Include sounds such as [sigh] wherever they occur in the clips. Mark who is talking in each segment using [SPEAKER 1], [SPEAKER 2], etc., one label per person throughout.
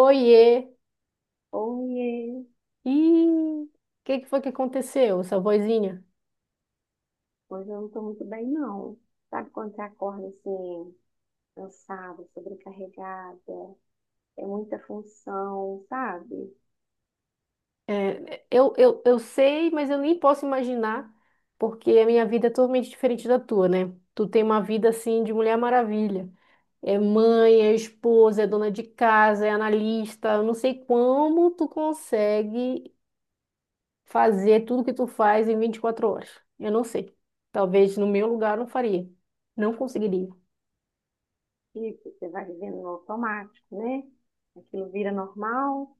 [SPEAKER 1] Oiê!
[SPEAKER 2] Oiê,
[SPEAKER 1] Ih, o que que foi que aconteceu, essa vozinha?
[SPEAKER 2] hoje eu não tô muito bem, não. Sabe quando você acorda assim, cansada, sobrecarregada, é muita função, sabe?
[SPEAKER 1] É, eu sei, mas eu nem posso imaginar, porque a minha vida é totalmente diferente da tua, né? Tu tem uma vida assim de Mulher Maravilha. É mãe, é esposa, é dona de casa, é analista. Eu não sei como tu consegue fazer tudo que tu faz em 24 horas. Eu não sei. Talvez no meu lugar eu não faria. Não conseguiria.
[SPEAKER 2] E você vai vivendo no automático, né? Aquilo vira normal,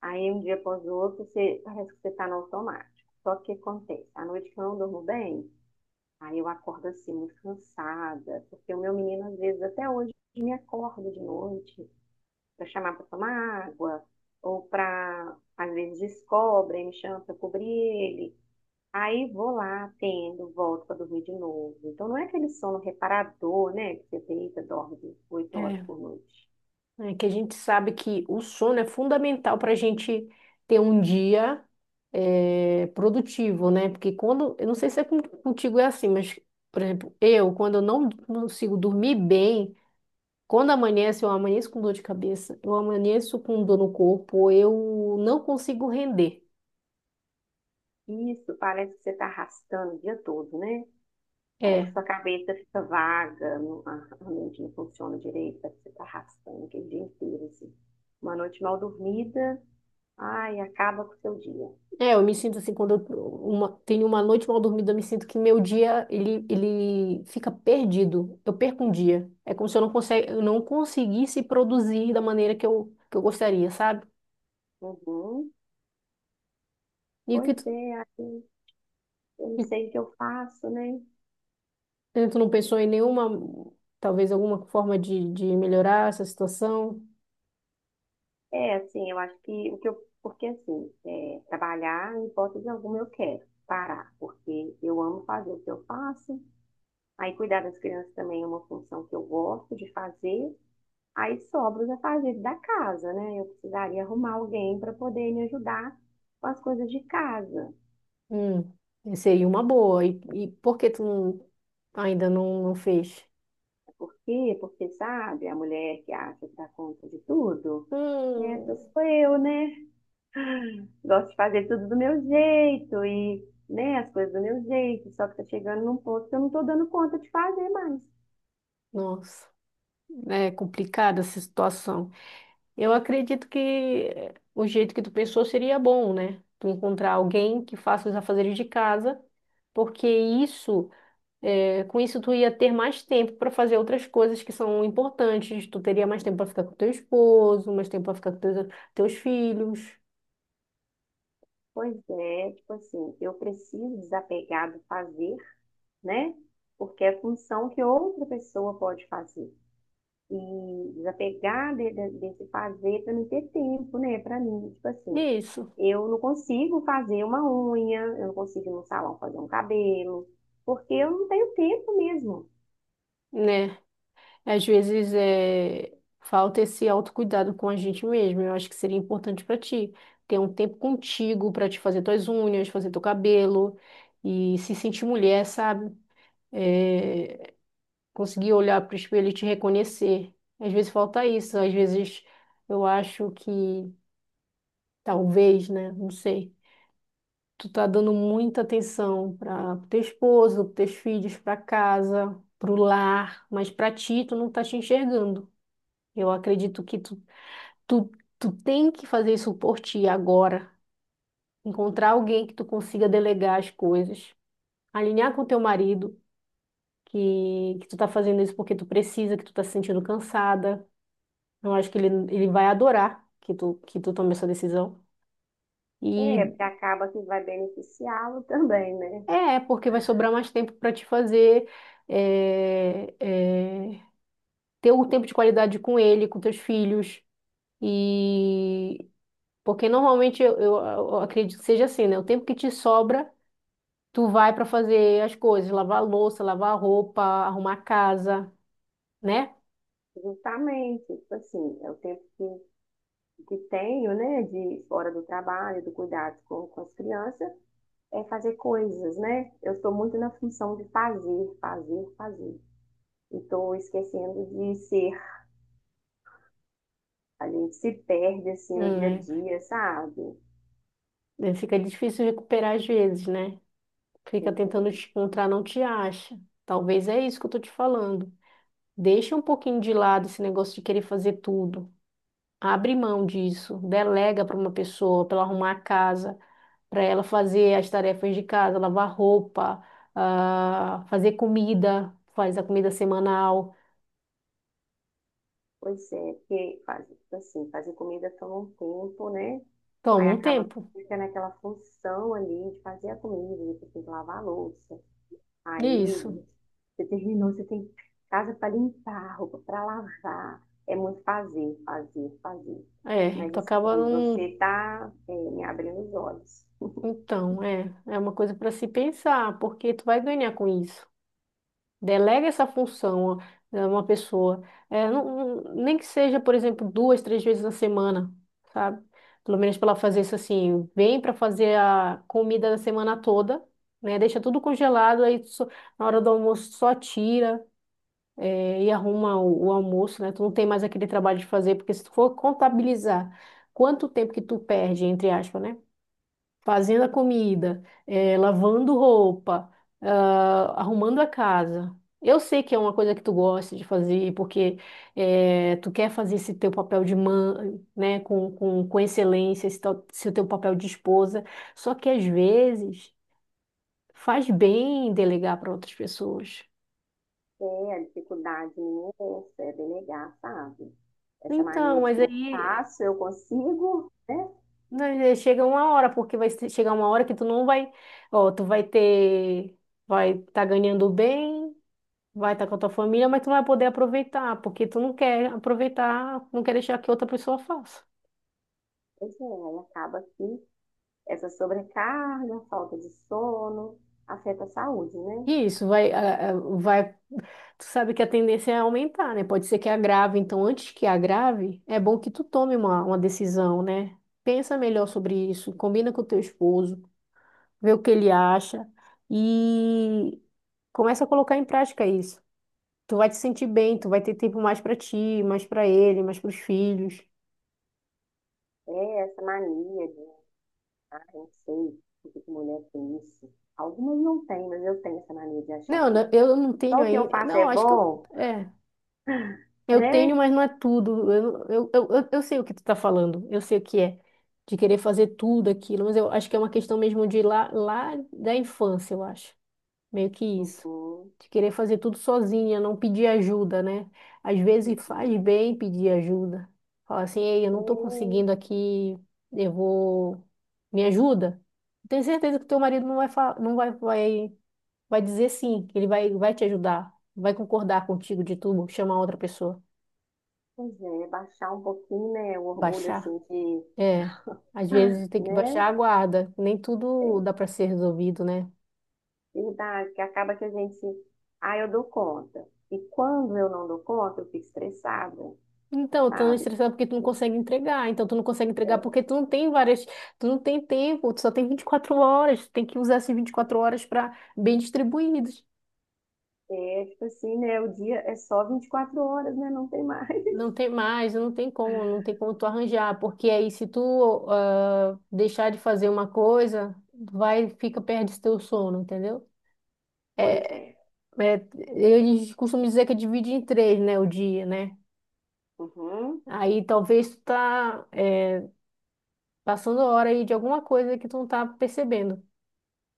[SPEAKER 2] aí um dia após o outro, você, parece que você tá no automático. Só que o que acontece? À noite que eu não durmo bem, aí eu acordo assim, muito cansada, porque o meu menino às vezes até hoje me acorda de noite, para chamar para tomar água, ou para, às vezes, descobre, aí me chama para cobrir ele. Aí vou lá, atendo, volto para dormir de novo. Então não é aquele sono reparador, né? Que você deita, dorme 8 horas
[SPEAKER 1] É.
[SPEAKER 2] por noite.
[SPEAKER 1] Né, que a gente sabe que o sono é fundamental para a gente ter um dia produtivo, né? Porque quando, eu não sei se é contigo é assim, mas, por exemplo, eu, quando eu não consigo dormir bem, quando amanhece, eu amanheço com dor de cabeça, eu amanheço com dor no corpo, eu não consigo render.
[SPEAKER 2] Isso parece que você está arrastando o dia todo, né? Parece
[SPEAKER 1] É.
[SPEAKER 2] que sua cabeça fica vaga, a mente não funciona direito, parece que você está arrastando aquele dia inteiro, assim. Uma noite mal dormida, ai, acaba com o seu dia.
[SPEAKER 1] É, eu me sinto assim, quando eu tenho uma noite mal dormida, eu me sinto que meu dia, ele fica perdido. Eu perco um dia. É como se eu não conseguisse produzir da maneira que eu gostaria, sabe?
[SPEAKER 2] Uhum.
[SPEAKER 1] E o que
[SPEAKER 2] Pois
[SPEAKER 1] tu,
[SPEAKER 2] é, eu não
[SPEAKER 1] e
[SPEAKER 2] sei o que eu faço, né?
[SPEAKER 1] tu não pensou em nenhuma, talvez alguma forma de melhorar essa situação?
[SPEAKER 2] É, assim, eu acho que o que eu, porque assim, é, trabalhar, em hipótese alguma, eu quero parar, porque eu amo fazer o que eu faço. Aí cuidar das crianças também é uma função que eu gosto de fazer. Aí sobra os afazeres da casa, né? Eu precisaria arrumar alguém para poder me ajudar com as coisas de casa.
[SPEAKER 1] Hum, seria uma boa. E por que tu não- ainda não fez?
[SPEAKER 2] Por quê? Porque, sabe, a mulher que acha que dá conta de tudo, essas
[SPEAKER 1] Hum,
[SPEAKER 2] sou eu, né? Gosto de fazer tudo do meu jeito e, né, as coisas do meu jeito, só que tá chegando num ponto que eu não tô dando conta de fazer mais.
[SPEAKER 1] nossa, é complicada essa situação. Eu acredito que o jeito que tu pensou seria bom, né? Tu encontrar alguém que faça os afazeres de casa, porque isso, é, com isso tu ia ter mais tempo para fazer outras coisas que são importantes. Tu teria mais tempo para ficar com teu esposo, mais tempo para ficar com teus filhos.
[SPEAKER 2] Pois é, tipo assim, eu preciso desapegar do fazer, né? Porque é função que outra pessoa pode fazer. E desapegar desse fazer para não ter tempo, né? Para mim, tipo assim,
[SPEAKER 1] Isso,
[SPEAKER 2] eu não consigo fazer uma unha, eu não consigo ir no salão fazer um cabelo, porque eu não tenho tempo mesmo.
[SPEAKER 1] né? Às vezes é, falta esse autocuidado com a gente mesmo. Eu acho que seria importante para ti ter um tempo contigo para te fazer tuas unhas, fazer teu cabelo e se sentir mulher, sabe? É, conseguir olhar para o espelho e te reconhecer. Às vezes falta isso. Às vezes eu acho que talvez, né? Não sei. Tu tá dando muita atenção para teu esposo, para teus filhos, para casa, para o lar, mas para ti tu não tá te enxergando. Eu acredito que Tu, tu tem que fazer isso por ti agora. Encontrar alguém que tu consiga delegar as coisas. Alinhar com teu marido que tu tá fazendo isso porque tu precisa, que tu tá se sentindo cansada. Eu acho que ele vai adorar que tu tome essa decisão. E
[SPEAKER 2] É, porque acaba que vai beneficiá-lo também, né?
[SPEAKER 1] é porque vai sobrar mais tempo para te fazer é, é, ter um tempo de qualidade com ele, com teus filhos. E porque normalmente eu acredito que seja assim, né? O tempo que te sobra. Tu vai para fazer as coisas, lavar a louça, lavar a roupa, arrumar a casa, né?
[SPEAKER 2] Justamente, tipo assim, é o tempo que tenho, né, de fora do trabalho, do cuidado com as crianças, é fazer coisas, né? Eu estou muito na função de fazer, fazer, fazer. E estou esquecendo de ser. A gente se perde, assim, no dia a
[SPEAKER 1] Hum,
[SPEAKER 2] dia, sabe?
[SPEAKER 1] é. Fica difícil recuperar às vezes, né? Fica
[SPEAKER 2] Pois é,
[SPEAKER 1] tentando te encontrar, não te acha. Talvez é isso que eu tô te falando. Deixa um pouquinho de lado esse negócio de querer fazer tudo. Abre mão disso, delega para uma pessoa, para ela arrumar a casa, para ela fazer as tarefas de casa, lavar roupa, fazer comida, faz a comida semanal.
[SPEAKER 2] pois é, porque fazer, tipo assim, fazer comida toma um tempo, né?
[SPEAKER 1] Toma
[SPEAKER 2] Aí
[SPEAKER 1] um
[SPEAKER 2] acaba
[SPEAKER 1] tempo.
[SPEAKER 2] que fica naquela função ali de fazer a comida, depois tem que lavar a louça.
[SPEAKER 1] Isso.
[SPEAKER 2] Aí você terminou, você tem casa para limpar, roupa para lavar. É muito fazer, fazer, fazer.
[SPEAKER 1] É,
[SPEAKER 2] Mas
[SPEAKER 1] tu acaba
[SPEAKER 2] assim, você
[SPEAKER 1] não.
[SPEAKER 2] está me abrindo os olhos.
[SPEAKER 1] Então, é uma coisa para se pensar, porque tu vai ganhar com isso. Delega essa função a uma pessoa. É, não, nem que seja, por exemplo, duas, três vezes na semana, sabe? Pelo menos para ela fazer isso assim, vem para fazer a comida da semana toda, né? Deixa tudo congelado, na hora do almoço só tira, e arruma o almoço, né? Tu não tem mais aquele trabalho de fazer, porque se tu for contabilizar quanto tempo que tu perde, entre aspas, né? Fazendo a comida, lavando roupa, arrumando a casa. Eu sei que é uma coisa que tu gosta de fazer, porque tu quer fazer esse teu papel de mãe, né, com excelência, esse teu papel de esposa. Só que às vezes faz bem delegar para outras pessoas.
[SPEAKER 2] É, a dificuldade minha é essa, é delegar, sabe? Essa
[SPEAKER 1] Então,
[SPEAKER 2] mania de
[SPEAKER 1] mas
[SPEAKER 2] eu
[SPEAKER 1] aí
[SPEAKER 2] faço, eu consigo, né?
[SPEAKER 1] né, chega uma hora, porque chegar uma hora que tu não vai, ó, tu vai ter, vai estar ganhando bem. Vai estar com a tua família, mas tu não vai poder aproveitar, porque tu não quer aproveitar, não quer deixar que outra pessoa faça.
[SPEAKER 2] Pois é, aí acaba que essa sobrecarga, falta de sono, afeta a saúde, né?
[SPEAKER 1] E isso vai, vai, tu sabe que a tendência é aumentar, né? Pode ser que agrave, então antes que agrave, é bom que tu tome uma decisão, né? Pensa melhor sobre isso, combina com o teu esposo, vê o que ele acha e começa a colocar em prática isso. Tu vai te sentir bem, tu vai ter tempo mais pra ti, mais pra ele, mais pros filhos.
[SPEAKER 2] É essa mania de, ah, eu não sei o que que mulher tem isso. Algumas não têm, mas eu tenho essa mania de achar
[SPEAKER 1] Não,
[SPEAKER 2] que
[SPEAKER 1] não, eu não tenho
[SPEAKER 2] só o que eu
[SPEAKER 1] ainda.
[SPEAKER 2] faço
[SPEAKER 1] Não,
[SPEAKER 2] é
[SPEAKER 1] acho que eu.
[SPEAKER 2] bom,
[SPEAKER 1] É. Eu tenho,
[SPEAKER 2] né?
[SPEAKER 1] mas não é tudo. Eu sei o que tu tá falando. Eu sei o que é. De querer fazer tudo aquilo. Mas eu acho que é uma questão mesmo de lá da infância, eu acho. Meio que isso.
[SPEAKER 2] Uhum,
[SPEAKER 1] De querer fazer tudo sozinha, não pedir ajuda, né? Às vezes faz
[SPEAKER 2] uhum.
[SPEAKER 1] bem pedir ajuda. Fala assim, ei, eu
[SPEAKER 2] É,
[SPEAKER 1] não tô conseguindo aqui, eu vou... Me ajuda? Tenho certeza que teu marido não vai dizer sim, que ele vai te ajudar, vai concordar contigo de tu chamar outra pessoa.
[SPEAKER 2] pois é, baixar um pouquinho, né, o orgulho,
[SPEAKER 1] Baixar?
[SPEAKER 2] assim, de,
[SPEAKER 1] É. Às
[SPEAKER 2] [gasps] ah,
[SPEAKER 1] vezes tem que
[SPEAKER 2] né?
[SPEAKER 1] baixar a guarda. Nem tudo
[SPEAKER 2] É,
[SPEAKER 1] dá para ser resolvido, né?
[SPEAKER 2] verdade, que acaba que a gente, ah, eu dou conta. E quando eu não dou conta, eu fico estressada,
[SPEAKER 1] Então, eu tô
[SPEAKER 2] sabe?
[SPEAKER 1] estressada porque tu não consegue entregar. Então, tu não consegue entregar porque tu não tem várias. Tu não tem tempo, tu só tem 24 horas. Tu tem que usar essas 24 horas para bem distribuídas.
[SPEAKER 2] É, é, tipo assim, né, o dia é só 24 horas, né, não tem mais.
[SPEAKER 1] Não tem
[SPEAKER 2] [laughs]
[SPEAKER 1] mais, não tem como, não tem como tu arranjar. Porque aí, se tu deixar de fazer uma coisa, vai, fica, perde teu sono, entendeu?
[SPEAKER 2] Pois é.
[SPEAKER 1] É, eles costumam dizer que é divide em três, né, o dia, né?
[SPEAKER 2] Uhum.
[SPEAKER 1] Aí talvez tu tá passando a hora aí de alguma coisa que tu não tá percebendo.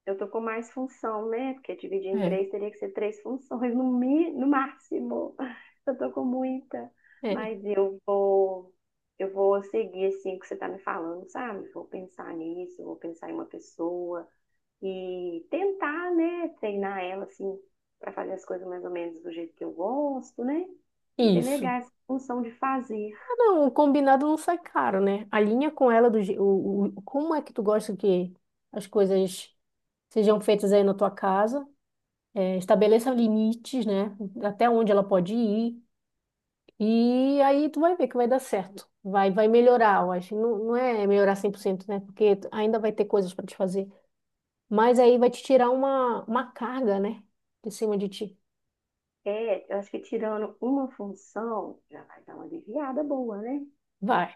[SPEAKER 2] Eu tô com mais função, né? Porque dividir em
[SPEAKER 1] É,
[SPEAKER 2] três teria que ser três funções no, mi, no máximo. [laughs] Eu tô com muita.
[SPEAKER 1] é,
[SPEAKER 2] Mas eu vou, eu vou seguir assim o que você tá me falando, sabe? Vou pensar nisso, vou pensar em uma pessoa e tentar, né? Treinar ela assim para fazer as coisas mais ou menos do jeito que eu gosto, né? E
[SPEAKER 1] isso.
[SPEAKER 2] delegar essa função de fazer.
[SPEAKER 1] Ah, não, o combinado não sai caro, né? Alinha com ela do, je- o- como é que tu gosta que as coisas sejam feitas aí na tua casa. É, estabeleça limites, né? Até onde ela pode ir. E aí tu vai ver que vai dar certo. Vai melhorar, eu acho. Não, não é melhorar 100% né? Porque ainda vai ter coisas para te fazer. Mas aí vai te tirar uma carga, né? De cima de ti.
[SPEAKER 2] É, eu acho que tirando uma função já vai dar uma aliviada boa, né?
[SPEAKER 1] Vai,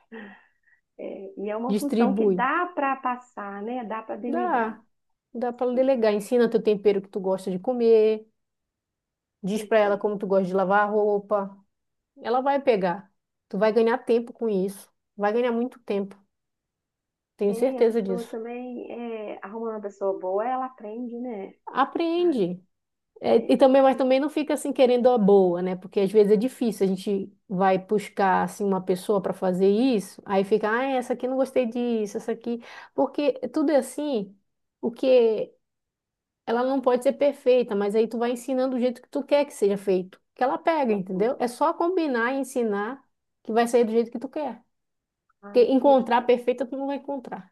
[SPEAKER 2] É, e é uma função que
[SPEAKER 1] distribui.
[SPEAKER 2] dá para passar, né? Dá para delegar.
[SPEAKER 1] Dá, dá para
[SPEAKER 2] É,
[SPEAKER 1] delegar. Ensina teu tempero que tu gosta de comer. Diz
[SPEAKER 2] pois
[SPEAKER 1] para ela
[SPEAKER 2] é.
[SPEAKER 1] como tu gosta de lavar a roupa. Ela vai pegar. Tu vai ganhar tempo com isso. Vai ganhar muito tempo. Tenho
[SPEAKER 2] É, e a
[SPEAKER 1] certeza
[SPEAKER 2] pessoa
[SPEAKER 1] disso.
[SPEAKER 2] também, é, arrumando uma pessoa boa, ela aprende, né?
[SPEAKER 1] Aprende. É, e
[SPEAKER 2] É,
[SPEAKER 1] também, mas também não fica assim querendo a boa, né? Porque às vezes é difícil, a gente vai buscar assim uma pessoa para fazer isso, aí fica, é, essa aqui não gostei disso, essa aqui, porque tudo é assim, o que ela não pode ser perfeita, mas aí tu vai ensinando do jeito que tu quer que seja feito, que ela pega,
[SPEAKER 2] uhum.
[SPEAKER 1] entendeu? É só combinar e ensinar que vai sair do jeito que tu quer. Porque
[SPEAKER 2] Ai, pois
[SPEAKER 1] encontrar a
[SPEAKER 2] é.
[SPEAKER 1] perfeita tu não vai encontrar.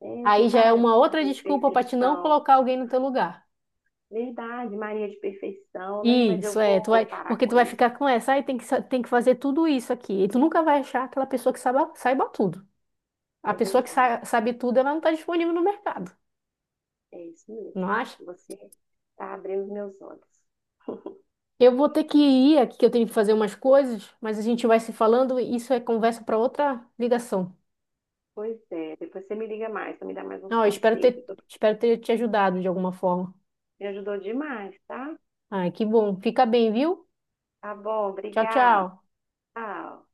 [SPEAKER 2] É, eu tenho
[SPEAKER 1] Aí
[SPEAKER 2] que
[SPEAKER 1] já é
[SPEAKER 2] parar com essa
[SPEAKER 1] uma outra
[SPEAKER 2] mania de
[SPEAKER 1] desculpa para te não
[SPEAKER 2] perfeição.
[SPEAKER 1] colocar alguém no teu lugar.
[SPEAKER 2] Verdade, Maria de perfeição, né? Mas
[SPEAKER 1] Isso,
[SPEAKER 2] eu
[SPEAKER 1] é, tu vai,
[SPEAKER 2] vou parar
[SPEAKER 1] porque
[SPEAKER 2] com
[SPEAKER 1] tu vai
[SPEAKER 2] isso.
[SPEAKER 1] ficar com essa, aí tem que, tem que fazer tudo isso aqui. E tu nunca vai achar aquela pessoa que saiba, saiba tudo. A
[SPEAKER 2] É
[SPEAKER 1] pessoa que
[SPEAKER 2] verdade,
[SPEAKER 1] sabe tudo, ela não está disponível no mercado,
[SPEAKER 2] é isso mesmo.
[SPEAKER 1] não acha?
[SPEAKER 2] Você está abrindo os meus olhos. [laughs]
[SPEAKER 1] Eu vou ter que ir aqui, que eu tenho que fazer umas coisas, mas a gente vai se falando, e isso é conversa para outra ligação.
[SPEAKER 2] Pois é, depois você me liga mais, você me dá mais uns
[SPEAKER 1] Não, eu espero
[SPEAKER 2] conselhos.
[SPEAKER 1] ter, espero ter te ajudado de alguma forma.
[SPEAKER 2] Me ajudou demais, tá?
[SPEAKER 1] Ai, que bom. Fica bem, viu?
[SPEAKER 2] Tá bom,
[SPEAKER 1] Tchau,
[SPEAKER 2] obrigada.
[SPEAKER 1] tchau.
[SPEAKER 2] Tchau.